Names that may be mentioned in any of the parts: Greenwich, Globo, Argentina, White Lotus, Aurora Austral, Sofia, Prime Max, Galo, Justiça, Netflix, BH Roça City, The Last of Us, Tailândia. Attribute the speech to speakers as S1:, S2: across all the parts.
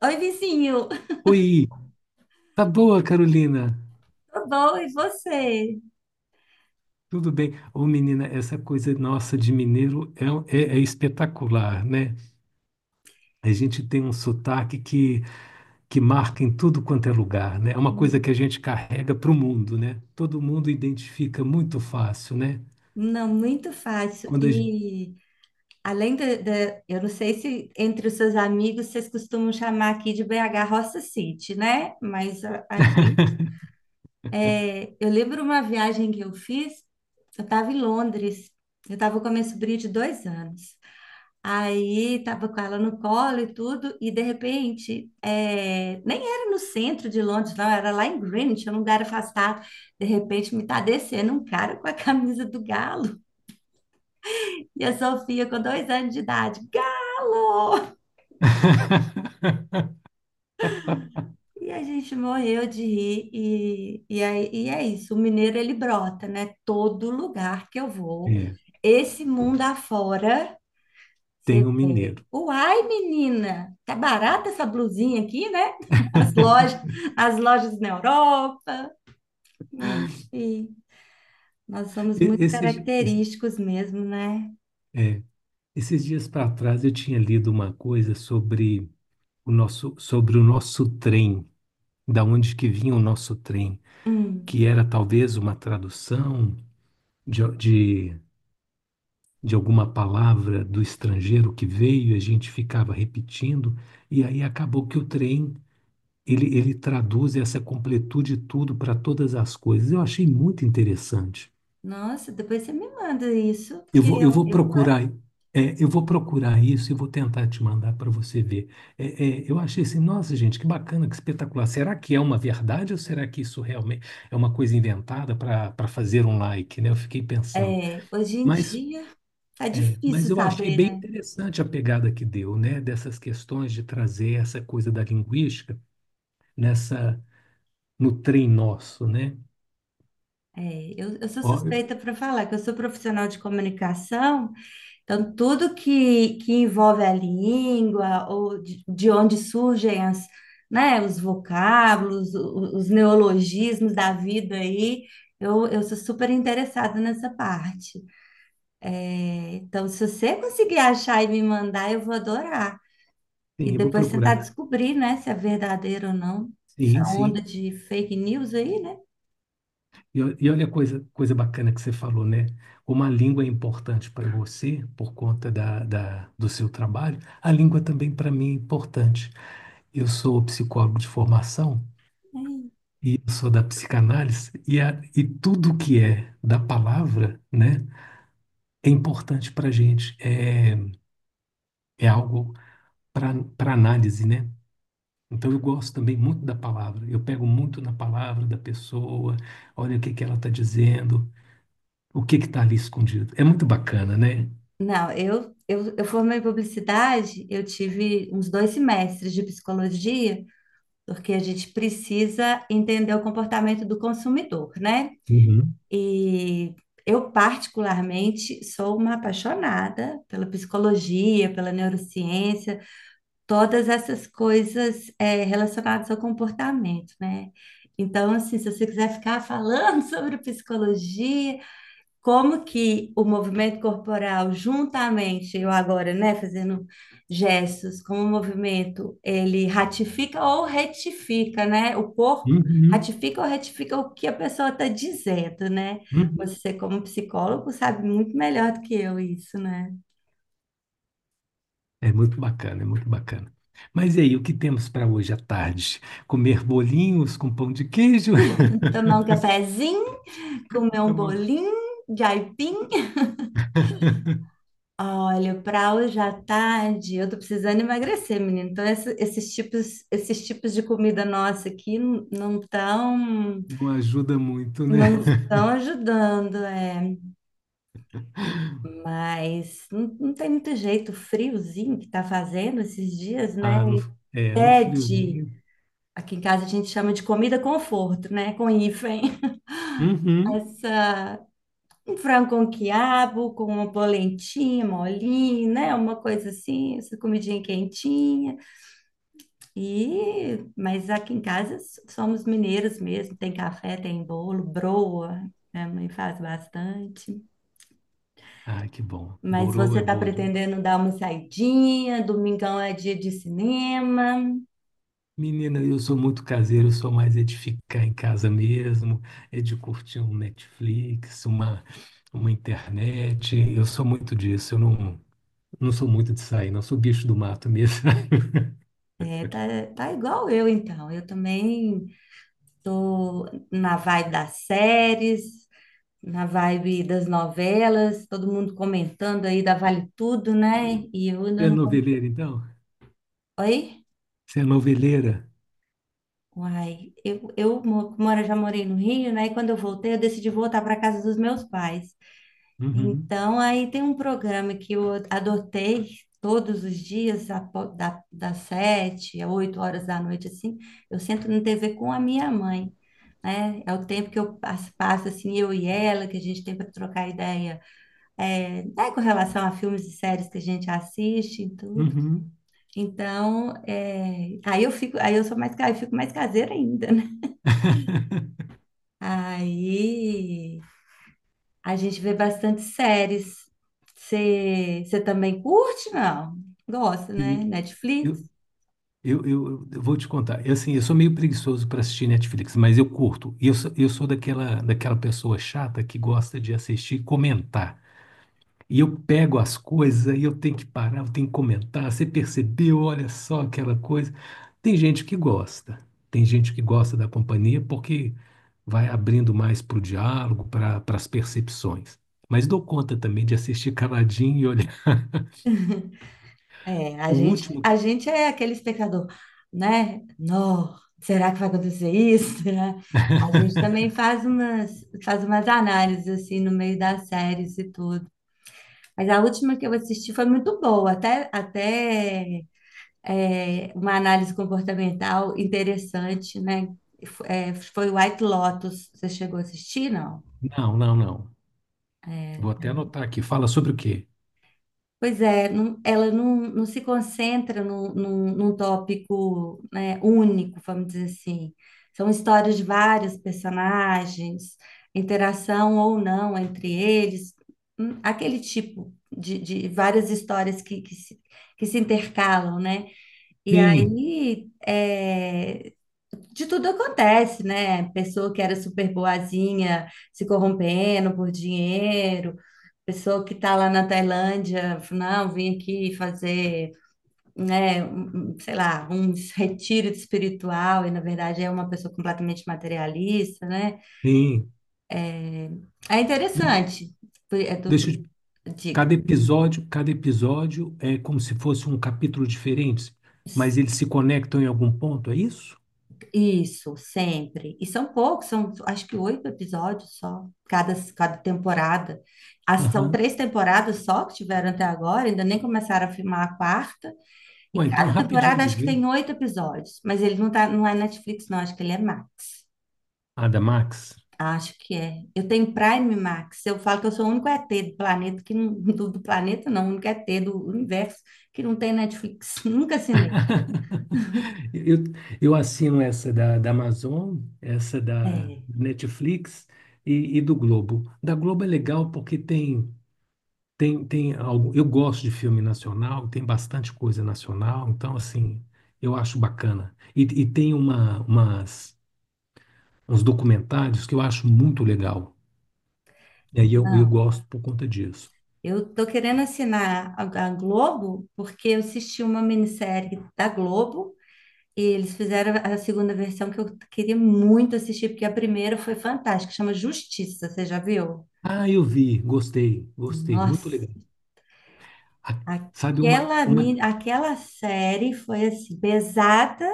S1: Oi, vizinho,
S2: Oi, tá boa, Carolina?
S1: tudo bom? E você?
S2: Tudo bem? Ô, menina, essa coisa nossa de mineiro é espetacular, né? A gente tem um sotaque que marca em tudo quanto é lugar, né? É uma coisa que a
S1: Hum,
S2: gente carrega para o mundo, né? Todo mundo identifica muito fácil, né?
S1: Não, muito fácil.
S2: Quando a gente...
S1: E além eu não sei se entre os seus amigos vocês costumam chamar aqui de BH Roça City, né? Eu lembro uma viagem que eu fiz, eu estava em Londres, eu estava com a minha sobrinha de 2 anos. Aí tava com ela no colo e tudo, e de repente, nem era no centro de Londres, não, era lá em Greenwich, um lugar afastado. De repente me tá descendo um cara com a camisa do Galo e a Sofia com 2 anos de idade, Galo! E a gente morreu de rir, e, aí, e é isso, o mineiro ele brota, né? Todo lugar que eu vou,
S2: É,
S1: esse mundo afora.
S2: tem
S1: Você
S2: um
S1: vê.
S2: mineiro.
S1: Uai, menina, tá barata essa blusinha aqui, né? As lojas, as lojas na Europa. Enfim, nós somos
S2: E-
S1: muito
S2: Esses, esse-
S1: característicos mesmo, né?
S2: é, esses dias para trás eu tinha lido uma coisa sobre o nosso trem. Da onde que vinha o nosso trem,
S1: Hum.
S2: que era talvez uma tradução de, de, de alguma palavra do estrangeiro que veio, a gente ficava repetindo, e aí acabou que o trem, ele traduz essa completude tudo para todas as coisas. Eu achei muito interessante.
S1: Nossa, depois você me manda isso,
S2: Eu
S1: porque
S2: vou, eu vou procurar, eu vou procurar isso e vou tentar te mandar para você ver. Eu achei assim, nossa, gente, que bacana, que espetacular. Será que é uma verdade ou será que isso realmente é uma coisa inventada para fazer um like, né? Eu fiquei pensando.
S1: hoje em
S2: Mas,
S1: dia tá
S2: mas
S1: difícil
S2: eu achei
S1: saber,
S2: bem
S1: né?
S2: interessante a pegada que deu, né? Dessas questões de trazer essa coisa da linguística nessa no trem nosso, né?
S1: É, eu sou
S2: Ó, eu-
S1: suspeita para falar que eu sou profissional de comunicação. Então, tudo que envolve a língua, ou de onde surgem né, os vocábulos, os neologismos da vida aí, eu sou super interessada nessa parte. Então, se você conseguir achar e me mandar, eu vou adorar. E
S2: sim, eu vou
S1: depois tentar
S2: procurar.
S1: descobrir, né, se é verdadeiro ou não.
S2: Sim,
S1: Essa
S2: sim.
S1: onda de fake news aí, né?
S2: E olha a coisa bacana que você falou, né? Como a língua é importante para você, por conta do seu trabalho, a língua também para mim é importante. Eu sou psicólogo de formação
S1: Ai.
S2: e eu sou da psicanálise, e tudo que é da palavra, né, é importante para a gente, é algo para análise, né? Então eu gosto também muito da palavra, eu pego muito na palavra da pessoa, olha o que que ela está dizendo o que está ali escondido. É muito bacana, né?
S1: Não, eu formei em publicidade, eu tive uns 2 semestres de psicologia, porque a gente precisa entender o comportamento do consumidor, né?
S2: Uhum,
S1: E eu, particularmente, sou uma apaixonada pela psicologia, pela neurociência, todas essas coisas relacionadas ao comportamento, né? Então, assim, se você quiser ficar falando sobre psicologia, como que o movimento corporal, juntamente, eu agora, né, fazendo gestos, como o movimento, ele ratifica ou retifica, né? O corpo
S2: uhum,
S1: ratifica ou retifica o que a pessoa está dizendo, né?
S2: uhum.
S1: Você, como psicólogo, sabe muito melhor do que eu isso, né?
S2: É muito bacana, é muito bacana. Mas e aí, o que temos para hoje à tarde? Comer bolinhos com pão de queijo?
S1: Tomar um cafezinho, comer um
S2: Então,
S1: bolinho de aipim. Olha, para hoje à tarde, eu tô precisando emagrecer, menino. Então, esses tipos de comida nossa aqui não estão,
S2: não ajuda muito, né?
S1: não estão ajudando, é. Mas não tem muito jeito, o friozinho que tá fazendo esses dias, né?
S2: Ah, no, é, no
S1: Pede.
S2: friozinho.
S1: Aqui em casa a gente chama de comida conforto, né? Com hífen.
S2: Uhum.
S1: Essa, um frango com quiabo, com uma polentinha, molinho, né? Uma coisa assim, essa comidinha quentinha. E, mas aqui em casa somos mineiros mesmo, tem café, tem bolo, broa, minha mãe faz bastante.
S2: Ah, que bom.
S1: Mas
S2: Borô
S1: você
S2: é
S1: está
S2: boa demais.
S1: pretendendo dar uma saidinha, domingão é dia de cinema.
S2: Menina, eu sou muito caseiro, eu sou mais é de ficar em casa mesmo, é de curtir um Netflix, uma internet. Eu sou muito disso, eu não, não sou muito de sair, não sou bicho do mato mesmo.
S1: É, tá, tá igual eu então. Eu também tô na vibe das séries, na vibe das novelas, todo mundo comentando aí da Vale Tudo, né? E eu
S2: Você
S1: ainda
S2: é
S1: não.
S2: noveleira, então?
S1: Oi?
S2: Você é noveleira?
S1: Uai, eu já morei no Rio, né? E quando eu voltei, eu decidi voltar para casa dos meus pais.
S2: Uhum,
S1: Então, aí tem um programa que eu adotei todos os dias, das 7 às 8 horas da noite, assim. Eu sento na TV com a minha mãe, né? É o tempo que eu passo, passo assim, eu e ela, que a gente tem para trocar ideia, né, com relação a filmes e séries que a gente assiste e tudo.
S2: uhum.
S1: Então, aí eu fico, aí eu sou mais, eu fico mais caseira ainda. Aí a gente vê bastante séries. Você também curte, não? Gosta, né?
S2: Menina,
S1: Netflix?
S2: Eu, eu vou te contar. Eu, assim, eu sou meio preguiçoso para assistir Netflix, mas eu curto. E eu sou daquela pessoa chata que gosta de assistir e comentar. E eu pego as coisas, aí eu tenho que parar, eu tenho que comentar. Você percebeu? Olha só aquela coisa. Tem gente que gosta, tem gente que gosta da companhia porque vai abrindo mais para o diálogo, para as percepções. Mas dou conta também de assistir caladinho e olhar.
S1: É,
S2: O último.
S1: a gente é aquele espectador, né? Não, será que vai acontecer isso? Será? A gente também faz umas análises assim no meio das séries e tudo. Mas a última que eu assisti foi muito boa, até uma análise comportamental interessante, né? Foi White Lotus. Você chegou a assistir, não?
S2: Não, não, não. Vou até anotar aqui. Fala sobre o quê?
S1: Pois é, ela não se concentra num, num tópico, né, único, vamos dizer assim. São histórias de vários personagens, interação ou não entre eles, aquele tipo de várias histórias que se intercalam, né? E
S2: Sim,
S1: aí, de tudo acontece, né? Pessoa que era super boazinha se corrompendo por dinheiro, pessoa que tá lá na Tailândia, não, vim aqui fazer, né, um, sei lá, um retiro espiritual e na verdade é uma pessoa completamente materialista, né?
S2: sim.
S1: É
S2: Deixa,
S1: interessante. É do, do-
S2: deixa eu te-
S1: diga.
S2: cada episódio é como se fosse um capítulo diferente, mas eles se conectam em algum ponto, é isso?
S1: Isso, sempre. E são poucos, são acho que 8 episódios só, cada temporada. As, são
S2: Aham.
S1: 3 temporadas só que tiveram até agora, ainda nem começaram a filmar a quarta.
S2: Bom,
S1: E
S2: então é
S1: cada
S2: rapidinho
S1: temporada
S2: de
S1: acho que
S2: ver.
S1: tem 8 episódios, mas ele não é Netflix, não, acho que ele é Max.
S2: A da Max.
S1: Acho que é. Eu tenho Prime Max. Eu falo que eu sou o único ET do planeta que não, do planeta não, o único ET do universo que não tem Netflix. Nunca assinei.
S2: Eu, eu assino essa da Amazon, essa da
S1: É,
S2: Netflix e do Globo. Da Globo é legal porque tem algo. Eu gosto de filme nacional, tem bastante coisa nacional, então, assim, eu acho bacana. E tem uns documentários que eu acho muito legal. E aí eu
S1: não.
S2: gosto por conta disso.
S1: Eu tô querendo assinar a Globo porque eu assisti uma minissérie da Globo e eles fizeram a segunda versão que eu queria muito assistir, porque a primeira foi fantástica, chama Justiça, você já viu?
S2: Ah, eu vi, gostei, gostei, muito
S1: Nossa,
S2: legal. A- Sabe, uma
S1: aquela série foi assim, pesada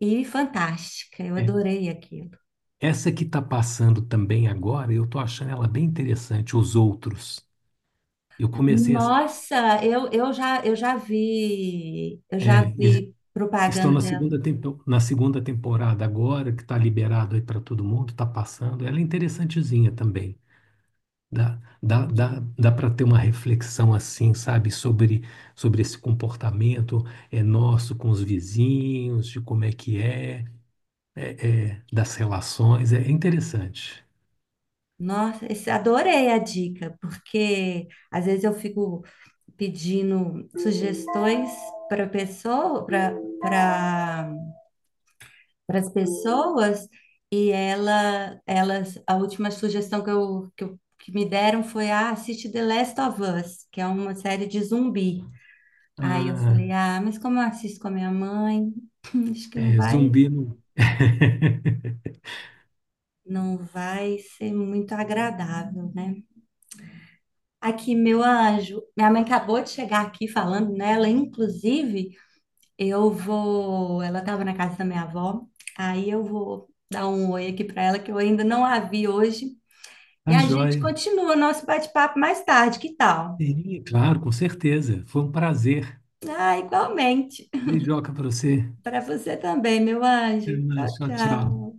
S1: e fantástica. Eu
S2: é,
S1: adorei aquilo.
S2: essa que está passando também agora, eu estou achando ela bem interessante, Os Outros. Eu comecei a,
S1: Nossa, eu já vi eu já
S2: é, eles
S1: vi
S2: estão
S1: propaganda
S2: na
S1: dela.
S2: na segunda temporada agora, que está liberado aí para todo mundo, está passando. Ela é interessantezinha também.
S1: É.
S2: Dá para ter uma reflexão assim, sabe, sobre esse comportamento é nosso com os vizinhos, de como é que é, das relações. É interessante.
S1: Nossa, adorei a dica, porque às vezes eu fico pedindo sugestões para pessoa, para para as pessoas a última sugestão que me deram foi ah, assiste The Last of Us, que é uma série de zumbi. Aí eu
S2: Ah,
S1: falei, ah, mas como eu assisto com a minha mãe, acho que não
S2: é,
S1: vai,
S2: zumbi não.
S1: não vai ser muito agradável, né? Aqui, meu anjo, minha mãe acabou de chegar aqui falando nela. Inclusive, eu vou. Ela estava na casa da minha avó, aí eu vou dar um oi aqui para ela, que eu ainda não a vi hoje. E
S2: Tá
S1: a gente
S2: joia.
S1: continua o nosso bate-papo mais tarde, que tal?
S2: Sim, claro, com certeza. Foi um prazer.
S1: Ah, igualmente.
S2: Beijoca pra você.
S1: Para você também, meu
S2: Até
S1: anjo. Tchau,
S2: mais. Tchau,
S1: tchau.
S2: tchau.